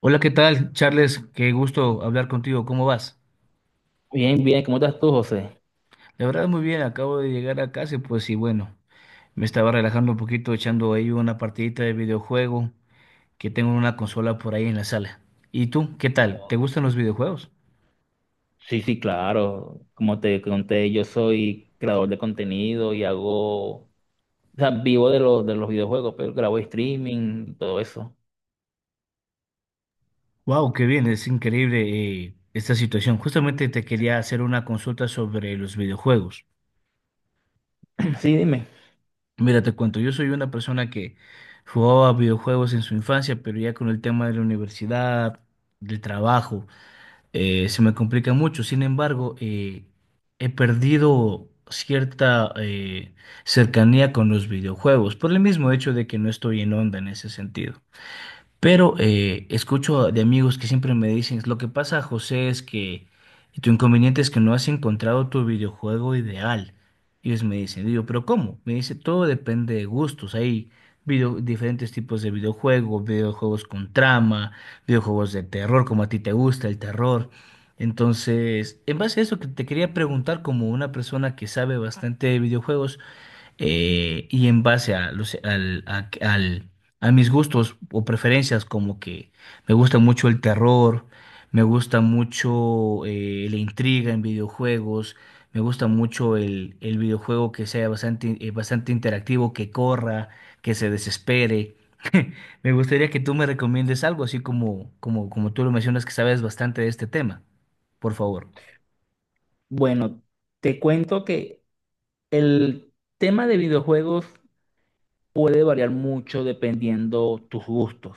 Hola, ¿qué tal, Charles? Qué gusto hablar contigo. ¿Cómo vas? Bien, bien, ¿cómo estás tú, José? La verdad, muy bien. Acabo de llegar a casa, y bueno, me estaba relajando un poquito echando ahí una partidita de videojuego que tengo una consola por ahí en la sala. ¿Y tú, qué tal? ¿Te gustan los videojuegos? Sí, sí, claro. Como te conté, yo soy creador de contenido y hago, o sea, vivo de los videojuegos, pero grabo streaming, todo eso. Wow, qué bien. Es increíble, esta situación. Justamente te quería hacer una consulta sobre los videojuegos. Sí, dime. Mira, te cuento. Yo soy una persona que jugaba videojuegos en su infancia, pero ya con el tema de la universidad, del trabajo. Se me complica mucho. Sin embargo, he perdido cierta cercanía con los videojuegos por el mismo hecho de que no estoy en onda en ese sentido. Pero escucho de amigos que siempre me dicen, lo que pasa, José, es que tu inconveniente es que no has encontrado tu videojuego ideal. Y ellos me dicen, digo, ¿pero cómo? Me dice, todo depende de gustos. Hay diferentes tipos de videojuegos, videojuegos con trama, videojuegos de terror, como a ti te gusta el terror. Entonces, en base a eso que te quería preguntar, como una persona que sabe bastante de videojuegos, y en base a, los, al, a, al- a mis gustos o preferencias, como que me gusta mucho el terror, me gusta mucho la intriga en videojuegos, me gusta mucho el videojuego que sea bastante, bastante interactivo, que corra, que se desespere. Me gustaría que tú me recomiendes algo, así como tú lo mencionas que sabes bastante de este tema, por favor. Bueno, te cuento que el tema de videojuegos puede variar mucho dependiendo tus gustos.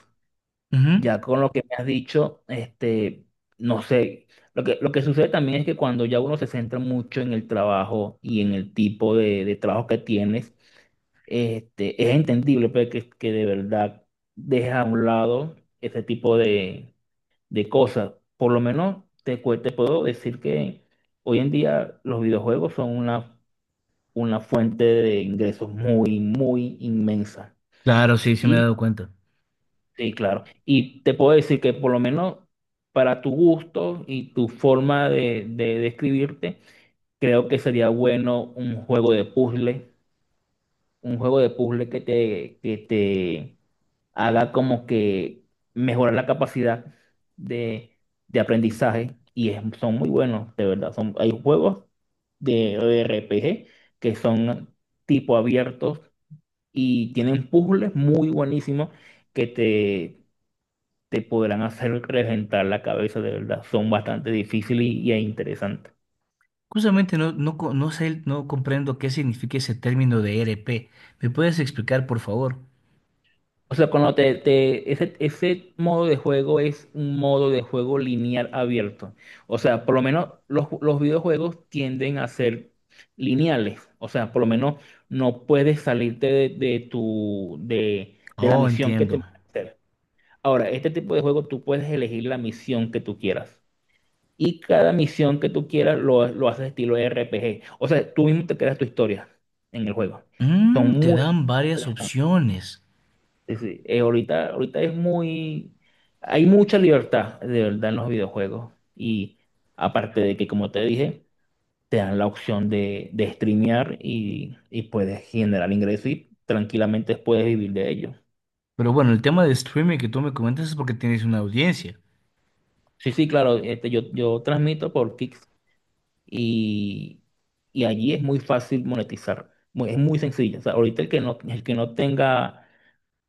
Ujú. Ya con lo que me has dicho, no sé, lo que sucede también es que cuando ya uno se centra mucho en el trabajo y en el tipo de trabajo que tienes, este, es entendible pues, que de verdad dejes a un lado ese tipo de cosas. Por lo menos te puedo decir que hoy en día los videojuegos son una fuente de ingresos muy, muy inmensa. Claro, sí, sí me he dado cuenta. Sí, claro. Y te puedo decir que por lo menos para tu gusto y tu forma de describirte, creo que sería bueno un juego de puzzle, un juego de puzzle que te haga como que mejorar la capacidad de, de aprendizaje. Son muy buenos, de verdad. Hay juegos de RPG que son tipo abiertos y tienen puzzles muy buenísimos que te podrán hacer reventar la cabeza, de verdad. Son bastante difíciles e interesantes. Justamente no sé, no comprendo qué significa ese término de RP. ¿Me puedes explicar, por favor? O sea, ese, ese modo de juego es un modo de juego lineal abierto. O sea, por lo menos los videojuegos tienden a ser lineales. O sea, por lo menos no puedes salirte de la Oh, misión que te entiendo. van a hacer. Ahora, este tipo de juego tú puedes elegir la misión que tú quieras. Y cada misión que tú quieras lo haces estilo RPG. O sea, tú mismo te creas tu historia en el juego. Son Mm, te muy dan varias interesantes. opciones. Sí, sí. Ahorita es muy... Hay mucha libertad, de verdad, en los videojuegos. Y aparte de que, como te dije, te dan la opción de streamear y puedes generar ingresos y tranquilamente puedes vivir de ello. Pero bueno, el tema de streaming que tú me comentas es porque tienes una audiencia. Sí, sí, claro, yo transmito por Kick, y, y allí es muy fácil monetizar, es muy sencillo. O sea, ahorita el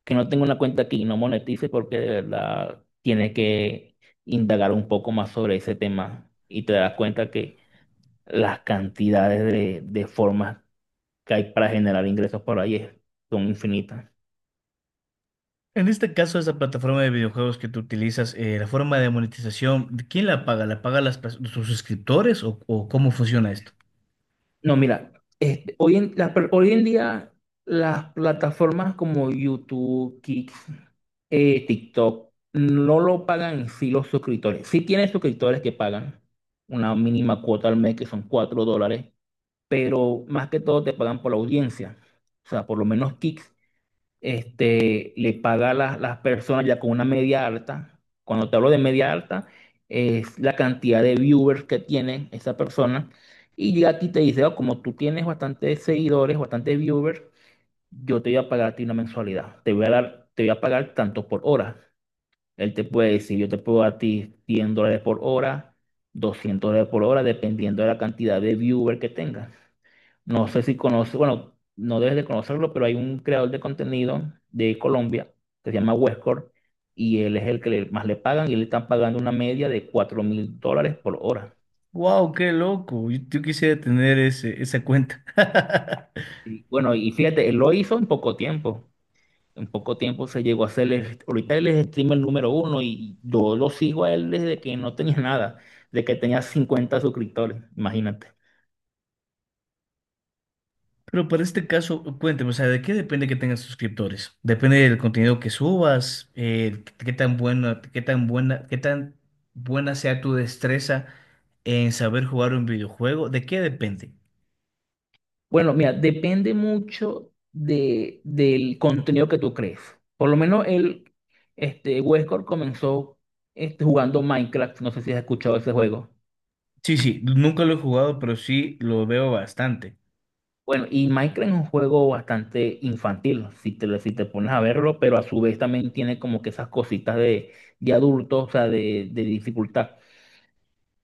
que no tenga una cuenta aquí y no monetice porque de verdad tiene que indagar un poco más sobre ese tema y te das cuenta que las cantidades de formas que hay para generar ingresos por ahí son infinitas. En este caso, esa plataforma de videojuegos que tú utilizas, la forma de monetización, ¿quién la paga? ¿La pagan tus suscriptores o cómo funciona esto? No, mira, hoy en día las plataformas como YouTube, Kick, TikTok, no lo pagan en sí los suscriptores. Sí tienes suscriptores que pagan una mínima cuota al mes, que son $4, pero más que todo te pagan por la audiencia. O sea, por lo menos Kick este, le paga a las personas ya con una media alta. Cuando te hablo de media alta, es la cantidad de viewers que tiene esa persona. Y llega a ti y te dice, "Oh, como tú tienes bastantes seguidores, bastantes viewers, yo te voy a pagar a ti una mensualidad. Te voy a pagar tanto por hora. Él te puede decir, yo te puedo dar a ti $100 por hora, $200 por hora, dependiendo de la cantidad de viewers que tengas. No sé si conoces, bueno, no debes de conocerlo, pero hay un creador de contenido de Colombia que se llama Westcore y él es el que más le pagan y le están pagando una media de $4,000 por hora. ¡Wow! ¡Qué loco! Yo quisiera tener esa cuenta. Y bueno, y fíjate, él lo hizo en poco tiempo. En poco tiempo se llegó a ser, ahorita él es streamer número uno y yo lo sigo a él desde que no tenía nada, de que tenía 50 suscriptores, imagínate. Pero para este caso, cuénteme, o sea, ¿de qué depende que tengas suscriptores? Depende del contenido que subas, qué tan buena sea tu destreza en saber jugar un videojuego. ¿De qué depende? Bueno, mira, depende mucho del contenido que tú crees. Por lo menos Westcore comenzó este, jugando Minecraft. No sé si has escuchado ese juego. Sí, sí, nunca lo he jugado, pero sí lo veo bastante. Bueno, y Minecraft es un juego bastante infantil, si te pones a verlo, pero a su vez también tiene como que esas cositas de adulto, o sea, de dificultad.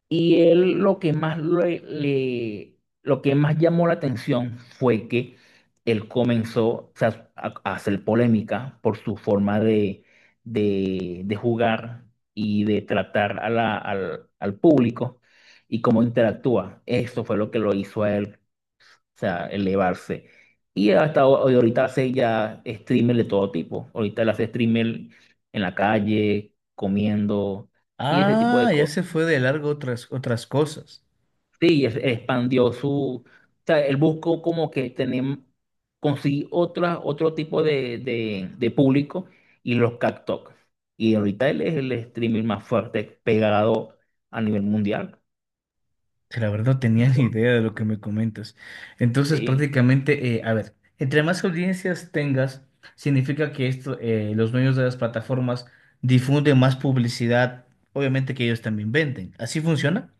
Y él lo que más lo que más llamó la atención fue que él comenzó o sea, a hacer polémica por su forma de jugar y de tratar a al público y cómo interactúa. Eso fue lo que lo hizo a él, o sea, elevarse. Y hasta hoy, ahorita hace ya streamer de todo tipo. Ahorita él hace streamer en la calle, comiendo y ese tipo de Ah, ya cosas. se fue de largo otras cosas. Sí, expandió su, o sea, él buscó como que tener, conseguir otra, otro tipo de público y los captó. Y ahorita él es el streaming más fuerte, pegado a nivel mundial. Que La verdad no tenía ni idea de lo que me comentas. Entonces, Sí. prácticamente, a ver, entre más audiencias tengas, significa que esto, los dueños de las plataformas difunden más publicidad, obviamente que ellos también venden. ¿Así funciona?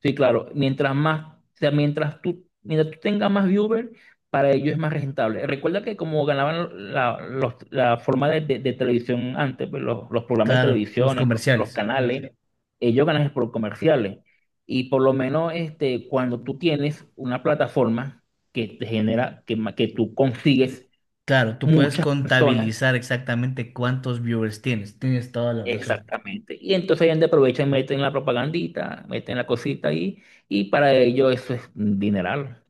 Sí, claro. Mientras más, o sea, mientras tú tengas más viewers, para ellos es más rentable. Recuerda que como ganaban la forma de televisión antes, pues, los programas de Claro, los televisión, los comerciales. canales, ellos ganan por comerciales. Y por lo menos este, cuando tú tienes una plataforma que te genera, que tú consigues Claro, tú puedes muchas personas, contabilizar exactamente cuántos viewers tienes. Tienes toda la razón. exactamente. Y entonces ellos aprovechan y meten la propagandita, meten la cosita ahí, y para ellos eso es un dineral.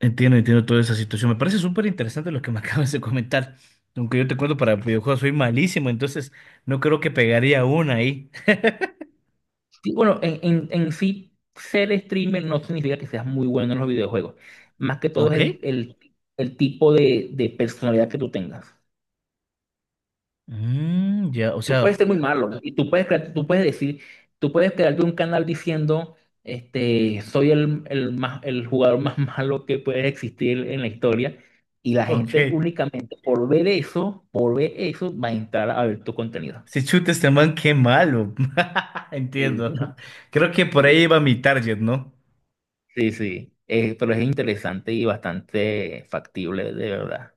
Entiendo, entiendo toda esa situación. Me parece súper interesante lo que me acabas de comentar. Aunque yo te cuento, para videojuegos soy malísimo, entonces no creo que pegaría una ahí. Sí, bueno, en sí, ser streamer no significa que seas muy bueno en los videojuegos. Más que todo es Ok. El tipo de personalidad que tú tengas. Mm, ya, o Tú puedes sea, ser muy malo y tú puedes, tú puedes decir, tú puedes crearte un canal diciendo, este, soy el jugador más malo que puede existir en la historia y la ok. gente únicamente por ver eso, va a entrar a ver tu contenido. Si chuta este man, qué malo. Entiendo. Creo que por ahí Sí. iba mi target, ¿no? Sí, sí, eh, pero es interesante y bastante factible, de verdad.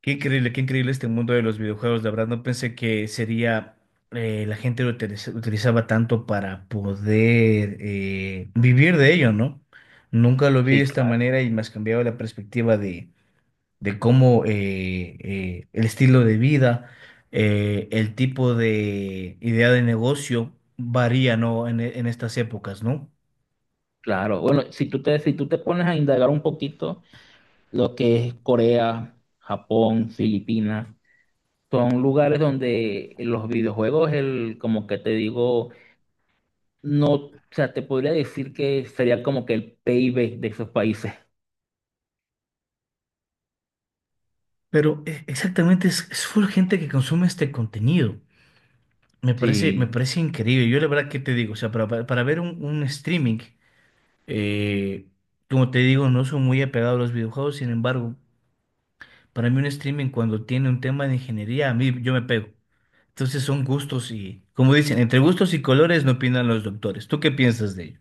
Qué increíble este mundo de los videojuegos. La verdad, no pensé que sería. La gente utilizaba tanto para poder vivir de ello, ¿no? Nunca lo vi de Sí, esta claro. manera y me has cambiado la perspectiva de cómo el estilo de vida, el tipo de idea de negocio varía, ¿no? En estas épocas, ¿no? Claro, bueno, si tú te pones a indagar un poquito, lo que es Corea, Japón, Filipinas, son lugares donde los videojuegos, el, como que te digo, no, o sea, te podría decir que sería como que el PIB de esos países. Pero exactamente es full gente que consume este contenido. Me Sí, parece increíble. Yo la verdad que te digo, o sea, para ver un streaming, eh, como te digo, no soy muy apegado a los videojuegos, sin embargo, para mí un streaming cuando tiene un tema de ingeniería, a mí yo me pego. Entonces son gustos y, como dicen, entre gustos y colores no opinan los doctores. ¿Tú qué piensas de ello?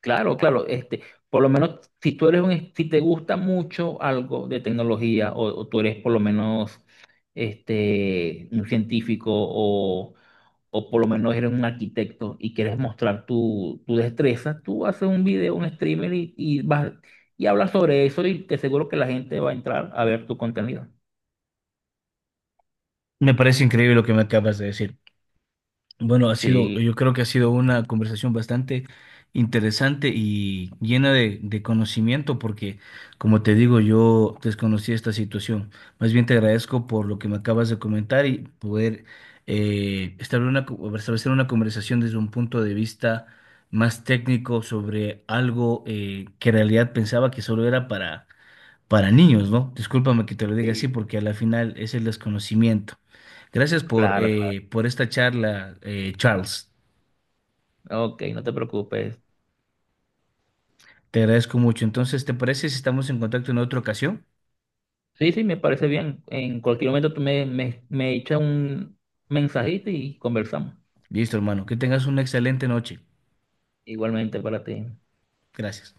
claro, claro, este, por lo menos si tú eres si te gusta mucho algo de tecnología o tú eres por lo menos este, un científico o por lo menos eres un arquitecto y quieres mostrar tu, tu destreza, tú haces un video, un streamer y vas y hablas sobre eso y te aseguro que la gente va a entrar a ver tu contenido. Me parece increíble lo que me acabas de decir. Bueno, ha sido, Sí, yo creo que ha sido una conversación bastante interesante y llena de conocimiento porque, como te digo, yo desconocía esta situación. Más bien te agradezco por lo que me acabas de comentar y poder establecer una, establecer una conversación desde un punto de vista más técnico sobre algo que en realidad pensaba que solo era para niños, ¿no? Discúlpame que te lo diga así sí, porque a la final es el desconocimiento. Gracias claro, claro. Por esta charla, Charles. Ok, no te preocupes. Te agradezco mucho. Entonces, ¿te parece si estamos en contacto en otra ocasión? Sí, sí, me parece bien. En cualquier momento tú me echas un mensajito y conversamos. Listo, hermano. Que tengas una excelente noche. Igualmente para ti. Gracias.